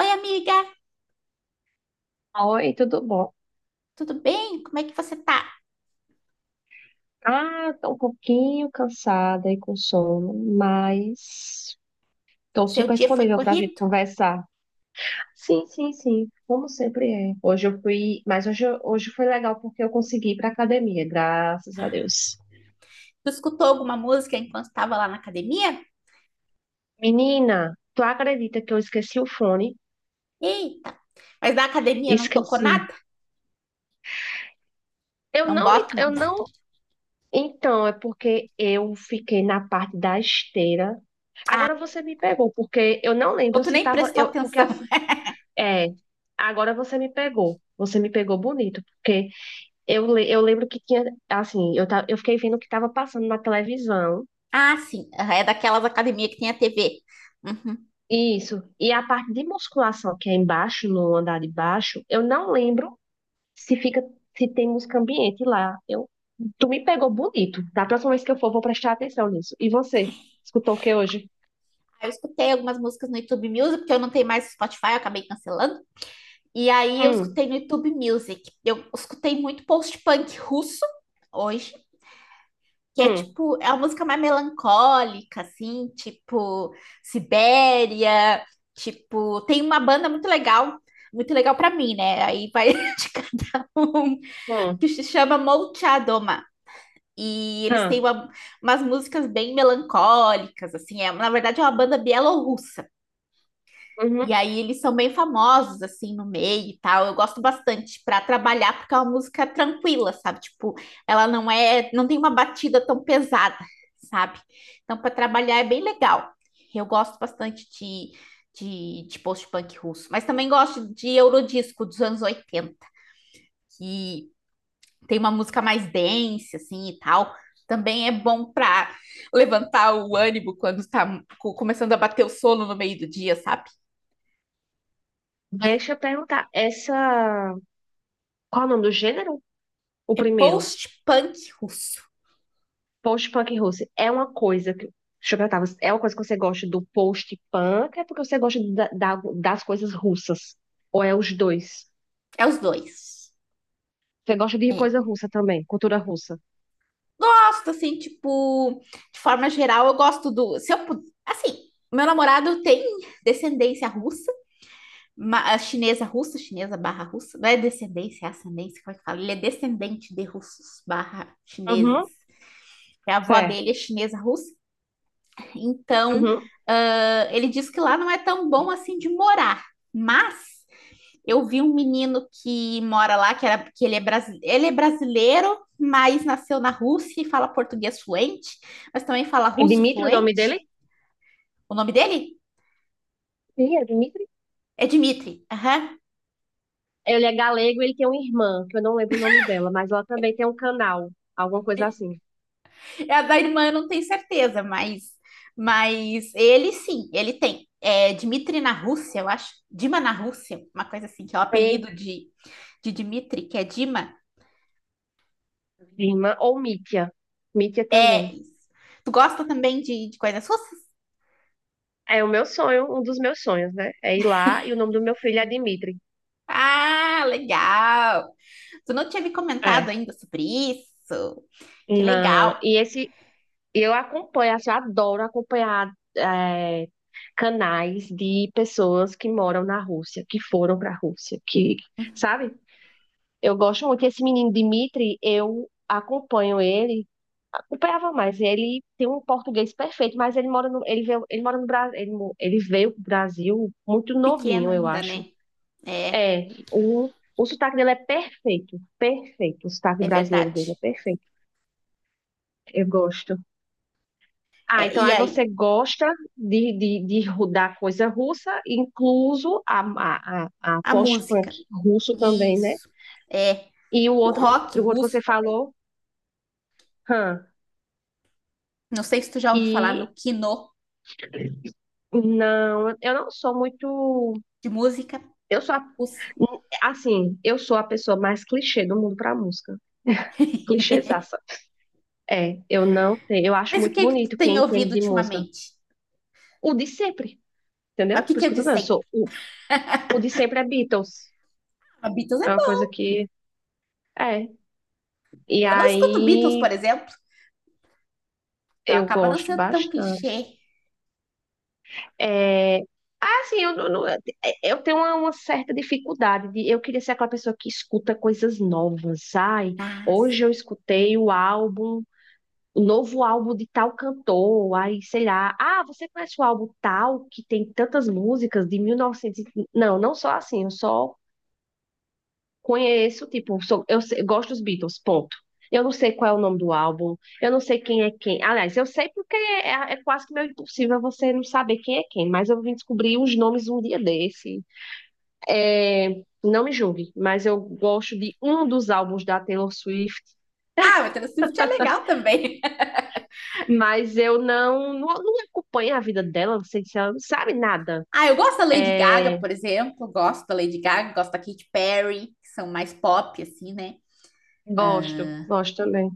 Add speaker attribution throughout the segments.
Speaker 1: Oi, amiga,
Speaker 2: Oi, tudo bom?
Speaker 1: tudo bem? Como é que você tá?
Speaker 2: Ah, tô um pouquinho cansada e com sono, mas tô
Speaker 1: Seu
Speaker 2: super
Speaker 1: dia foi
Speaker 2: disponível pra gente
Speaker 1: corrido?
Speaker 2: conversar. Sim, sim, sim, como sempre é. Hoje eu fui, hoje foi legal porque eu consegui ir pra academia, graças a Deus.
Speaker 1: Tu escutou alguma música enquanto estava lá na academia?
Speaker 2: Menina, tu acredita que eu esqueci o fone?
Speaker 1: Eita, mas na academia não tocou
Speaker 2: Esqueci.
Speaker 1: nada?
Speaker 2: Eu
Speaker 1: Não
Speaker 2: não me,
Speaker 1: bota uma
Speaker 2: eu
Speaker 1: música.
Speaker 2: não. Então, é porque eu fiquei na parte da esteira. Agora você me pegou, porque eu não
Speaker 1: Ou
Speaker 2: lembro
Speaker 1: tu
Speaker 2: se
Speaker 1: nem
Speaker 2: tava,
Speaker 1: prestou
Speaker 2: porque
Speaker 1: atenção?
Speaker 2: assim. É, agora você me pegou. Você me pegou bonito, porque eu lembro que tinha, assim, eu fiquei vendo o que estava passando na televisão.
Speaker 1: Ah, sim, aham, é daquelas academias que tem a TV. Uhum.
Speaker 2: Isso. E a parte de musculação que é embaixo, no andar de baixo, eu não lembro se fica, se tem música ambiente lá. Tu me pegou bonito. Da próxima vez que eu for, vou prestar atenção nisso. E você? Escutou o que hoje?
Speaker 1: Eu escutei algumas músicas no YouTube Music, porque eu não tenho mais Spotify, eu acabei cancelando. E aí eu
Speaker 2: Hum,
Speaker 1: escutei no YouTube Music. Eu escutei muito post-punk russo hoje, que é
Speaker 2: hum,
Speaker 1: tipo, é uma música mais melancólica, assim, tipo Sibéria, tipo, tem uma banda muito legal pra mim, né? Aí vai indicar um
Speaker 2: hum,
Speaker 1: que se chama Molchadoma. E eles têm
Speaker 2: hum,
Speaker 1: umas músicas bem melancólicas, assim, é, na verdade é uma banda bielorrussa. E
Speaker 2: uhum.
Speaker 1: aí eles são bem famosos, assim, no meio e tal. Eu gosto bastante para trabalhar, porque é uma música tranquila, sabe? Tipo, ela não é, não tem uma batida tão pesada, sabe? Então, para trabalhar é bem legal. Eu gosto bastante de, de post-punk russo, mas também gosto de Eurodisco dos anos 80, que tem uma música mais dance, assim, e tal. Também é bom para levantar o ânimo quando está começando a bater o sono no meio do dia, sabe?
Speaker 2: Deixa eu perguntar, essa. Qual é o nome do gênero? O
Speaker 1: É
Speaker 2: primeiro.
Speaker 1: post-punk russo.
Speaker 2: Post-punk russo é uma coisa que. Deixa eu perguntar, é uma coisa que você gosta do post-punk? É porque você gosta das coisas russas? Ou é os dois?
Speaker 1: É os dois.
Speaker 2: Você gosta de
Speaker 1: É.
Speaker 2: coisa russa também, cultura russa?
Speaker 1: Gosto, assim, tipo, de forma geral, eu gosto do. Se eu, assim, meu namorado tem descendência russa, chinesa barra russa. Não é descendência, é ascendência, como é que fala? Ele é descendente de russos barra
Speaker 2: Uhum,
Speaker 1: chineses. É. A avó dele
Speaker 2: certo.
Speaker 1: é chinesa russa. Então,
Speaker 2: Uhum.
Speaker 1: ah, ele diz que lá não é tão bom assim de morar. Mas eu vi um menino que mora lá, que, era, que ele, é brasi- ele é brasileiro, mas nasceu na Rússia e fala português fluente, mas também fala
Speaker 2: É
Speaker 1: russo
Speaker 2: Dmitri o nome dele?
Speaker 1: fluente. O nome dele
Speaker 2: Sim, é Dmitri.
Speaker 1: é Dmitry. Aham.
Speaker 2: Ele é galego, ele tem uma irmã, que eu não lembro o nome dela, mas ela também tem um canal, alguma coisa assim.
Speaker 1: É a da irmã, eu não tenho certeza, mas ele sim, ele tem. É Dmitry na Rússia, eu acho. Dima na Rússia, uma coisa assim, que é o
Speaker 2: Ei,
Speaker 1: apelido de Dmitry, que é Dima.
Speaker 2: irmã ou Mítia. Mítia
Speaker 1: É
Speaker 2: também.
Speaker 1: isso. Tu gosta também de coisas russas?
Speaker 2: É o meu sonho, um dos meus sonhos, né? É ir lá e o nome do meu filho é Dmitri.
Speaker 1: Ah, legal! Tu não tinha me comentado
Speaker 2: É.
Speaker 1: ainda sobre isso? Que
Speaker 2: Não,
Speaker 1: legal.
Speaker 2: e esse eu acompanho, assim, eu adoro acompanhar é, canais de pessoas que moram na Rússia, que foram para a Rússia, que, sabe? Eu gosto muito. Esse menino Dmitry, eu acompanho ele, acompanhava mais. Ele tem um português perfeito, mas ele mora no, ele veio, ele mora no Brasil, ele veio para Brasil muito
Speaker 1: Pequeno
Speaker 2: novinho, eu
Speaker 1: ainda,
Speaker 2: acho.
Speaker 1: né? É,
Speaker 2: É, o sotaque dele é perfeito, perfeito. O sotaque
Speaker 1: é
Speaker 2: brasileiro
Speaker 1: verdade.
Speaker 2: dele é perfeito. Eu gosto.
Speaker 1: É,
Speaker 2: Ah, então
Speaker 1: e
Speaker 2: aí
Speaker 1: aí,
Speaker 2: você gosta da coisa russa, incluso a
Speaker 1: a
Speaker 2: post-punk
Speaker 1: música.
Speaker 2: russo também, né?
Speaker 1: Isso. É.
Speaker 2: E
Speaker 1: O rock
Speaker 2: o outro que você
Speaker 1: russo,
Speaker 2: falou, hã,
Speaker 1: não sei se tu já ouviu falar
Speaker 2: e
Speaker 1: no kino
Speaker 2: não, eu não sou muito,
Speaker 1: de música
Speaker 2: eu sou, a-
Speaker 1: russa.
Speaker 2: assim, eu sou a pessoa mais clichê do mundo pra música, clichêzaça. É, eu não tenho, eu acho
Speaker 1: Mas o
Speaker 2: muito
Speaker 1: que que tu
Speaker 2: bonito
Speaker 1: tem
Speaker 2: quem entende
Speaker 1: ouvido
Speaker 2: de música,
Speaker 1: ultimamente?
Speaker 2: o de sempre,
Speaker 1: Mas o
Speaker 2: entendeu?
Speaker 1: que
Speaker 2: Por
Speaker 1: que
Speaker 2: isso
Speaker 1: eu
Speaker 2: que eu tô dizendo,
Speaker 1: disse aí?
Speaker 2: o de sempre é Beatles,
Speaker 1: Ah, Beatles é
Speaker 2: é uma
Speaker 1: bom.
Speaker 2: coisa que... É. E
Speaker 1: Eu não escuto Beatles,
Speaker 2: aí
Speaker 1: por exemplo. Então
Speaker 2: eu
Speaker 1: acaba não
Speaker 2: gosto
Speaker 1: sendo tão
Speaker 2: bastante.
Speaker 1: clichê.
Speaker 2: É, ah assim, eu, não- não- eu tenho uma certa dificuldade de eu queria ser aquela pessoa que escuta coisas novas. Ai,
Speaker 1: Ah,
Speaker 2: hoje
Speaker 1: sim.
Speaker 2: eu escutei o novo álbum de tal cantor, aí sei lá. Ah, você conhece o álbum tal que tem tantas músicas de 1900? Novecentos? Não, não sou assim, eu só conheço, tipo, gosto dos Beatles, ponto. Eu não sei qual é o nome do álbum, eu não sei quem é quem. Aliás, eu sei porque é quase que meio impossível você não saber quem é quem, mas eu vim descobrir os nomes um dia desse. É, não me julgue, mas eu gosto de um dos álbuns da Taylor Swift,
Speaker 1: Ah, o Taylor Swift é legal também.
Speaker 2: mas eu não acompanho a vida dela, não sei se ela não sabe nada.
Speaker 1: Ah, eu gosto da Lady Gaga,
Speaker 2: É,
Speaker 1: por exemplo. Gosto da Lady Gaga, gosto da Katy Perry, que são mais pop, assim, né?
Speaker 2: gosto, gosto também.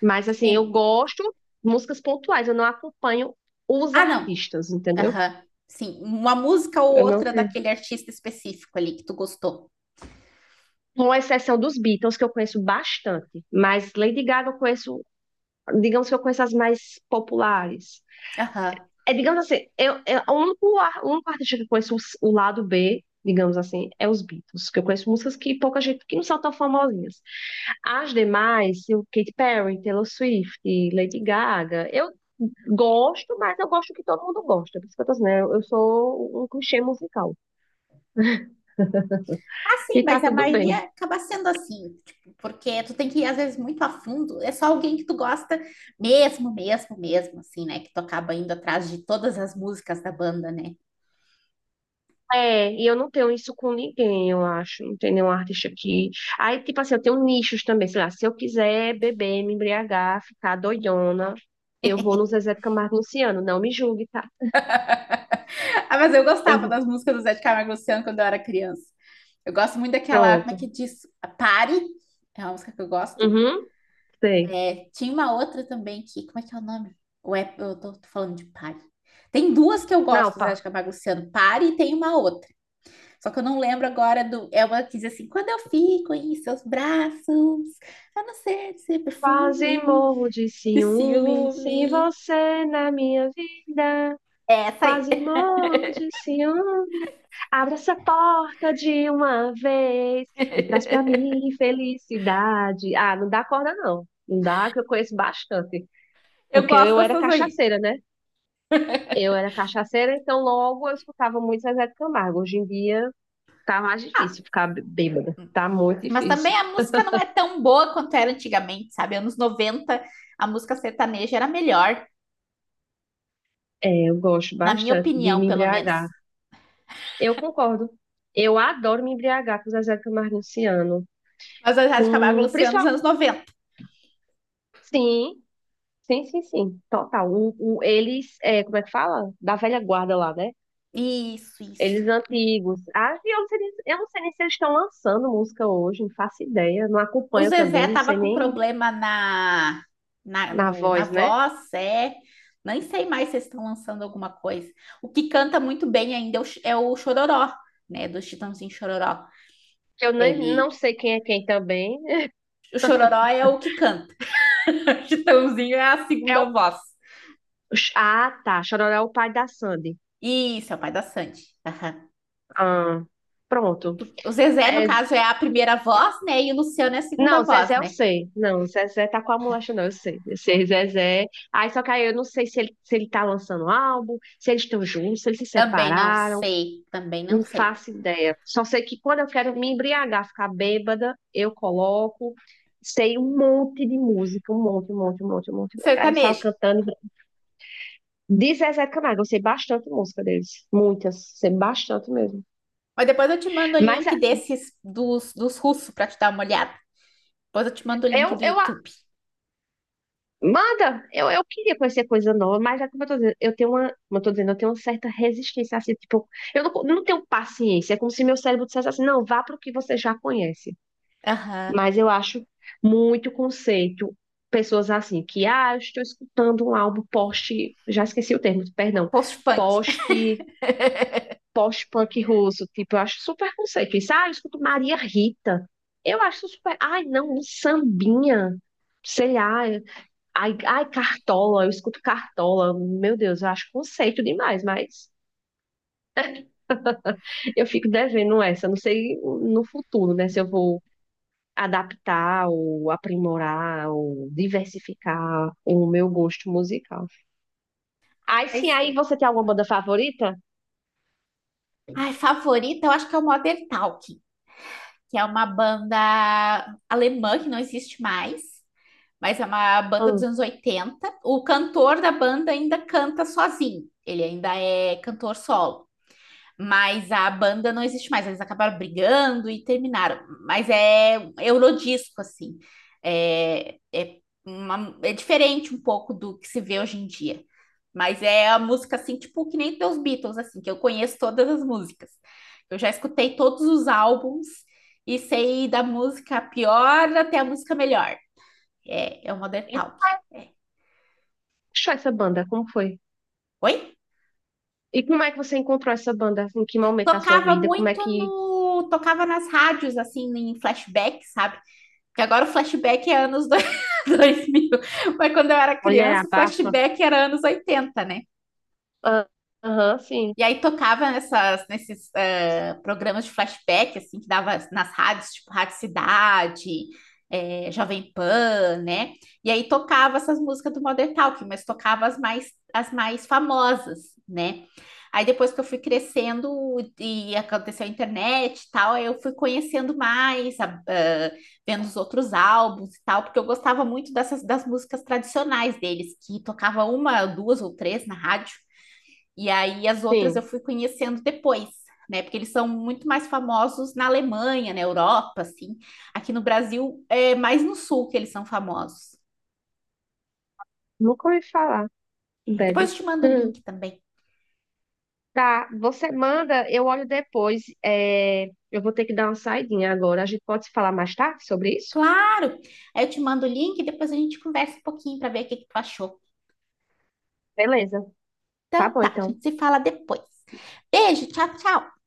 Speaker 2: Mas assim, eu
Speaker 1: Quem-
Speaker 2: gosto de músicas pontuais, eu não acompanho os
Speaker 1: Ah, não.
Speaker 2: artistas, entendeu?
Speaker 1: Aham. Sim, uma música ou
Speaker 2: Eu não
Speaker 1: outra
Speaker 2: tenho.
Speaker 1: daquele artista específico ali que tu gostou.
Speaker 2: Com exceção dos Beatles, que eu conheço bastante, mas Lady Gaga eu conheço, digamos que eu conheço as mais populares.
Speaker 1: Aham.
Speaker 2: É, digamos assim, o único, o único artista que eu conheço o lado B, digamos assim, é os Beatles, que eu conheço músicas que pouca gente, que não são tão famosinhas. As demais, o Katy Perry, Taylor Swift, Lady Gaga, eu gosto, mas eu gosto que todo mundo gosta, por isso que eu tô dizendo, eu sou um clichê musical,
Speaker 1: Ah, sim,
Speaker 2: e tá
Speaker 1: mas a
Speaker 2: tudo bem.
Speaker 1: maioria acaba sendo assim, tipo, porque tu tem que ir, às vezes, muito a fundo. É só alguém que tu gosta mesmo, mesmo, mesmo, assim, né? Que tu acaba indo atrás de todas as músicas da banda, né?
Speaker 2: É, e eu não tenho isso com ninguém, eu acho. Não tem nenhum artista aqui. Aí, tipo assim, eu tenho nichos também, sei lá, se eu quiser beber, me embriagar, ficar doidona, eu vou no Zezé de Camargo e Luciano, não me julgue, tá?
Speaker 1: Ah, mas eu
Speaker 2: Eu
Speaker 1: gostava
Speaker 2: vou.
Speaker 1: das músicas do Zé de Camargo e Luciano quando eu era criança. Eu gosto muito daquela, como é
Speaker 2: Pronto.
Speaker 1: que diz? A Pare, é uma música que eu gosto.
Speaker 2: Uhum, sei.
Speaker 1: É, tinha uma outra também que, como é que é o nome? Ou é, eu tô falando de Pare. Tem duas que eu
Speaker 2: Não,
Speaker 1: gosto, Zé de
Speaker 2: pá.
Speaker 1: Camargo e Luciano, Pare e tem uma outra. Só que eu não lembro agora do. É uma que diz assim: quando eu fico em seus braços, a não ser de ser
Speaker 2: Quase
Speaker 1: perfume,
Speaker 2: morro de
Speaker 1: de
Speaker 2: ciúme, sem
Speaker 1: ciúme.
Speaker 2: você na minha vida.
Speaker 1: É essa aí.
Speaker 2: Quase morro de ciúme. Abre essa porta de uma vez e traz pra mim felicidade. Ah, não dá corda, não. Não dá, que eu conheço bastante.
Speaker 1: Eu
Speaker 2: Porque
Speaker 1: gosto
Speaker 2: eu era
Speaker 1: dessas aí.
Speaker 2: cachaceira, né? Eu era cachaceira, então logo eu escutava muito Zezé de Camargo. Hoje em dia tá mais
Speaker 1: Ah,
Speaker 2: difícil ficar bêbada. Tá muito
Speaker 1: mas
Speaker 2: difícil.
Speaker 1: também a música não é tão boa quanto era antigamente, sabe? Anos 90 a música sertaneja era melhor,
Speaker 2: É, eu gosto
Speaker 1: na minha
Speaker 2: bastante de
Speaker 1: opinião,
Speaker 2: me
Speaker 1: pelo
Speaker 2: embriagar.
Speaker 1: menos.
Speaker 2: Eu concordo. Eu adoro me embriagar com Zezé de Camargo e Luciano.
Speaker 1: Mas a Rádio Camargo e
Speaker 2: Com,
Speaker 1: Luciano dos
Speaker 2: principalmente,
Speaker 1: anos 90?
Speaker 2: sim. Sim, sim, sim, total. O eles, é, como é que fala? Da velha guarda lá, né?
Speaker 1: Isso,
Speaker 2: Eles
Speaker 1: isso.
Speaker 2: antigos. Ah, e eu não sei, eu não sei nem se eles estão lançando música hoje, não faço ideia. Não
Speaker 1: O
Speaker 2: acompanho
Speaker 1: Zezé
Speaker 2: também, não
Speaker 1: tava
Speaker 2: sei
Speaker 1: com
Speaker 2: nem
Speaker 1: problema na, na,
Speaker 2: na
Speaker 1: no, na
Speaker 2: voz, né?
Speaker 1: voz, é. Nem sei mais se eles estão lançando alguma coisa. O que canta muito bem ainda é o Chororó, né? Do Chitãozinho Chororó.
Speaker 2: Que eu nem, não
Speaker 1: Ele.
Speaker 2: sei quem é quem também.
Speaker 1: O Chororó é o que canta. O Chitãozinho é a
Speaker 2: É
Speaker 1: segunda
Speaker 2: o...
Speaker 1: voz.
Speaker 2: Ah, tá. Chororó é o pai da Sandy.
Speaker 1: Isso, é o pai da Sandy. Aham.
Speaker 2: Ah, pronto.
Speaker 1: O Zezé, no
Speaker 2: É,
Speaker 1: caso, é a primeira voz, né? E o Luciano é a segunda
Speaker 2: não,
Speaker 1: voz,
Speaker 2: Zezé eu
Speaker 1: né?
Speaker 2: sei. Não, Zezé tá com a molecha, não, eu sei. Eu sei, Zezé. Aí só que aí eu não sei se ele tá lançando um álbum, se eles estão juntos, se eles se
Speaker 1: Também não
Speaker 2: separaram.
Speaker 1: sei, também não
Speaker 2: Não
Speaker 1: sei.
Speaker 2: faço ideia. Só sei que quando eu quero me embriagar, ficar bêbada, eu coloco, sei um monte de música, um monte, um monte, um monte, um monte. Um monte. Aí eu saio
Speaker 1: Sertanejo.
Speaker 2: cantando. De Zezé de Camargo, eu sei bastante música deles. Muitas, sei bastante mesmo.
Speaker 1: Mas depois eu te mando o
Speaker 2: Mas
Speaker 1: link
Speaker 2: é,
Speaker 1: desses dos russos pra te dar uma olhada. Depois eu te mando o link
Speaker 2: eu,
Speaker 1: do
Speaker 2: eu a-
Speaker 1: YouTube.
Speaker 2: manda, eu queria conhecer coisa nova, mas é como eu tô dizendo, eu tenho uma, como eu tô dizendo, eu tenho uma certa resistência assim, tipo, eu não tenho paciência. É como se meu cérebro dissesse assim, não, vá para o que você já conhece.
Speaker 1: Aham.
Speaker 2: Mas eu acho muito conceito. Pessoas assim, que, ah, eu estou escutando um álbum post, já esqueci o termo, perdão,
Speaker 1: Post-punk.
Speaker 2: post, post-punk russo, tipo, eu acho super conceito. Isso, ah, eu escuto Maria Rita. Eu acho super, ai, não, um sambinha, sei lá, ai, ai, Cartola, eu escuto Cartola, meu Deus, eu acho conceito demais, mas eu fico devendo essa, não sei no futuro, né, se eu vou adaptar ou aprimorar ou diversificar o meu gosto musical. Aí sim,
Speaker 1: Mas,
Speaker 2: aí você tem alguma banda favorita?
Speaker 1: ai, favorita, eu acho que é o Modern Talking, que é uma banda alemã que não existe mais. Mas é uma banda dos
Speaker 2: Hum.
Speaker 1: anos 80. O cantor da banda ainda canta sozinho, ele ainda é cantor solo. Mas a banda não existe mais, eles acabaram brigando e terminaram. Mas é um eurodisco, assim. É, é, é diferente um pouco do que se vê hoje em dia. Mas é a música, assim, tipo, que nem dos Beatles, assim, que eu conheço todas as músicas. Eu já escutei todos os álbuns e sei da música pior até a música melhor. É, é o Modern
Speaker 2: E
Speaker 1: Talk.
Speaker 2: como
Speaker 1: É.
Speaker 2: você achou essa banda? Como foi?
Speaker 1: Oi?
Speaker 2: E como é que você encontrou essa banda? Em que momento da sua
Speaker 1: Tocava
Speaker 2: vida? Como é
Speaker 1: muito
Speaker 2: que
Speaker 1: no. Tocava nas rádios, assim, em flashback, sabe? Porque agora o flashback é anos 2000. Mas quando eu era
Speaker 2: mulher
Speaker 1: criança, o
Speaker 2: abafa?
Speaker 1: flashback era anos 80, né?
Speaker 2: Ah, aham, sim,
Speaker 1: E aí tocava nessas, nesses programas de flashback, assim, que dava nas rádios, tipo Rádio Cidade, Jovem Pan, né? E aí tocava essas músicas do Modern Talking, mas tocava as mais famosas, né? Aí depois que eu fui crescendo e aconteceu a internet e tal, aí eu fui conhecendo mais, vendo os outros álbuns e tal, porque eu gostava muito dessas das músicas tradicionais deles, que tocava uma, duas ou três na rádio. E aí as outras eu
Speaker 2: sim.
Speaker 1: fui conhecendo depois, né? Porque eles são muito mais famosos na Alemanha, na Europa, assim. Aqui no Brasil é mais no sul que eles são famosos.
Speaker 2: Nunca ouvi falar,
Speaker 1: É,
Speaker 2: Bad.
Speaker 1: depois eu te mando o
Speaker 2: Hum.
Speaker 1: link também.
Speaker 2: Tá, você manda, eu olho depois. É, eu vou ter que dar uma saidinha agora. A gente pode se falar mais tarde sobre isso?
Speaker 1: Claro! Aí eu te mando o link e depois a gente conversa um pouquinho para ver o que que tu achou.
Speaker 2: Beleza. Tá
Speaker 1: Então
Speaker 2: bom,
Speaker 1: tá, a
Speaker 2: então.
Speaker 1: gente se fala depois. Beijo, tchau, tchau!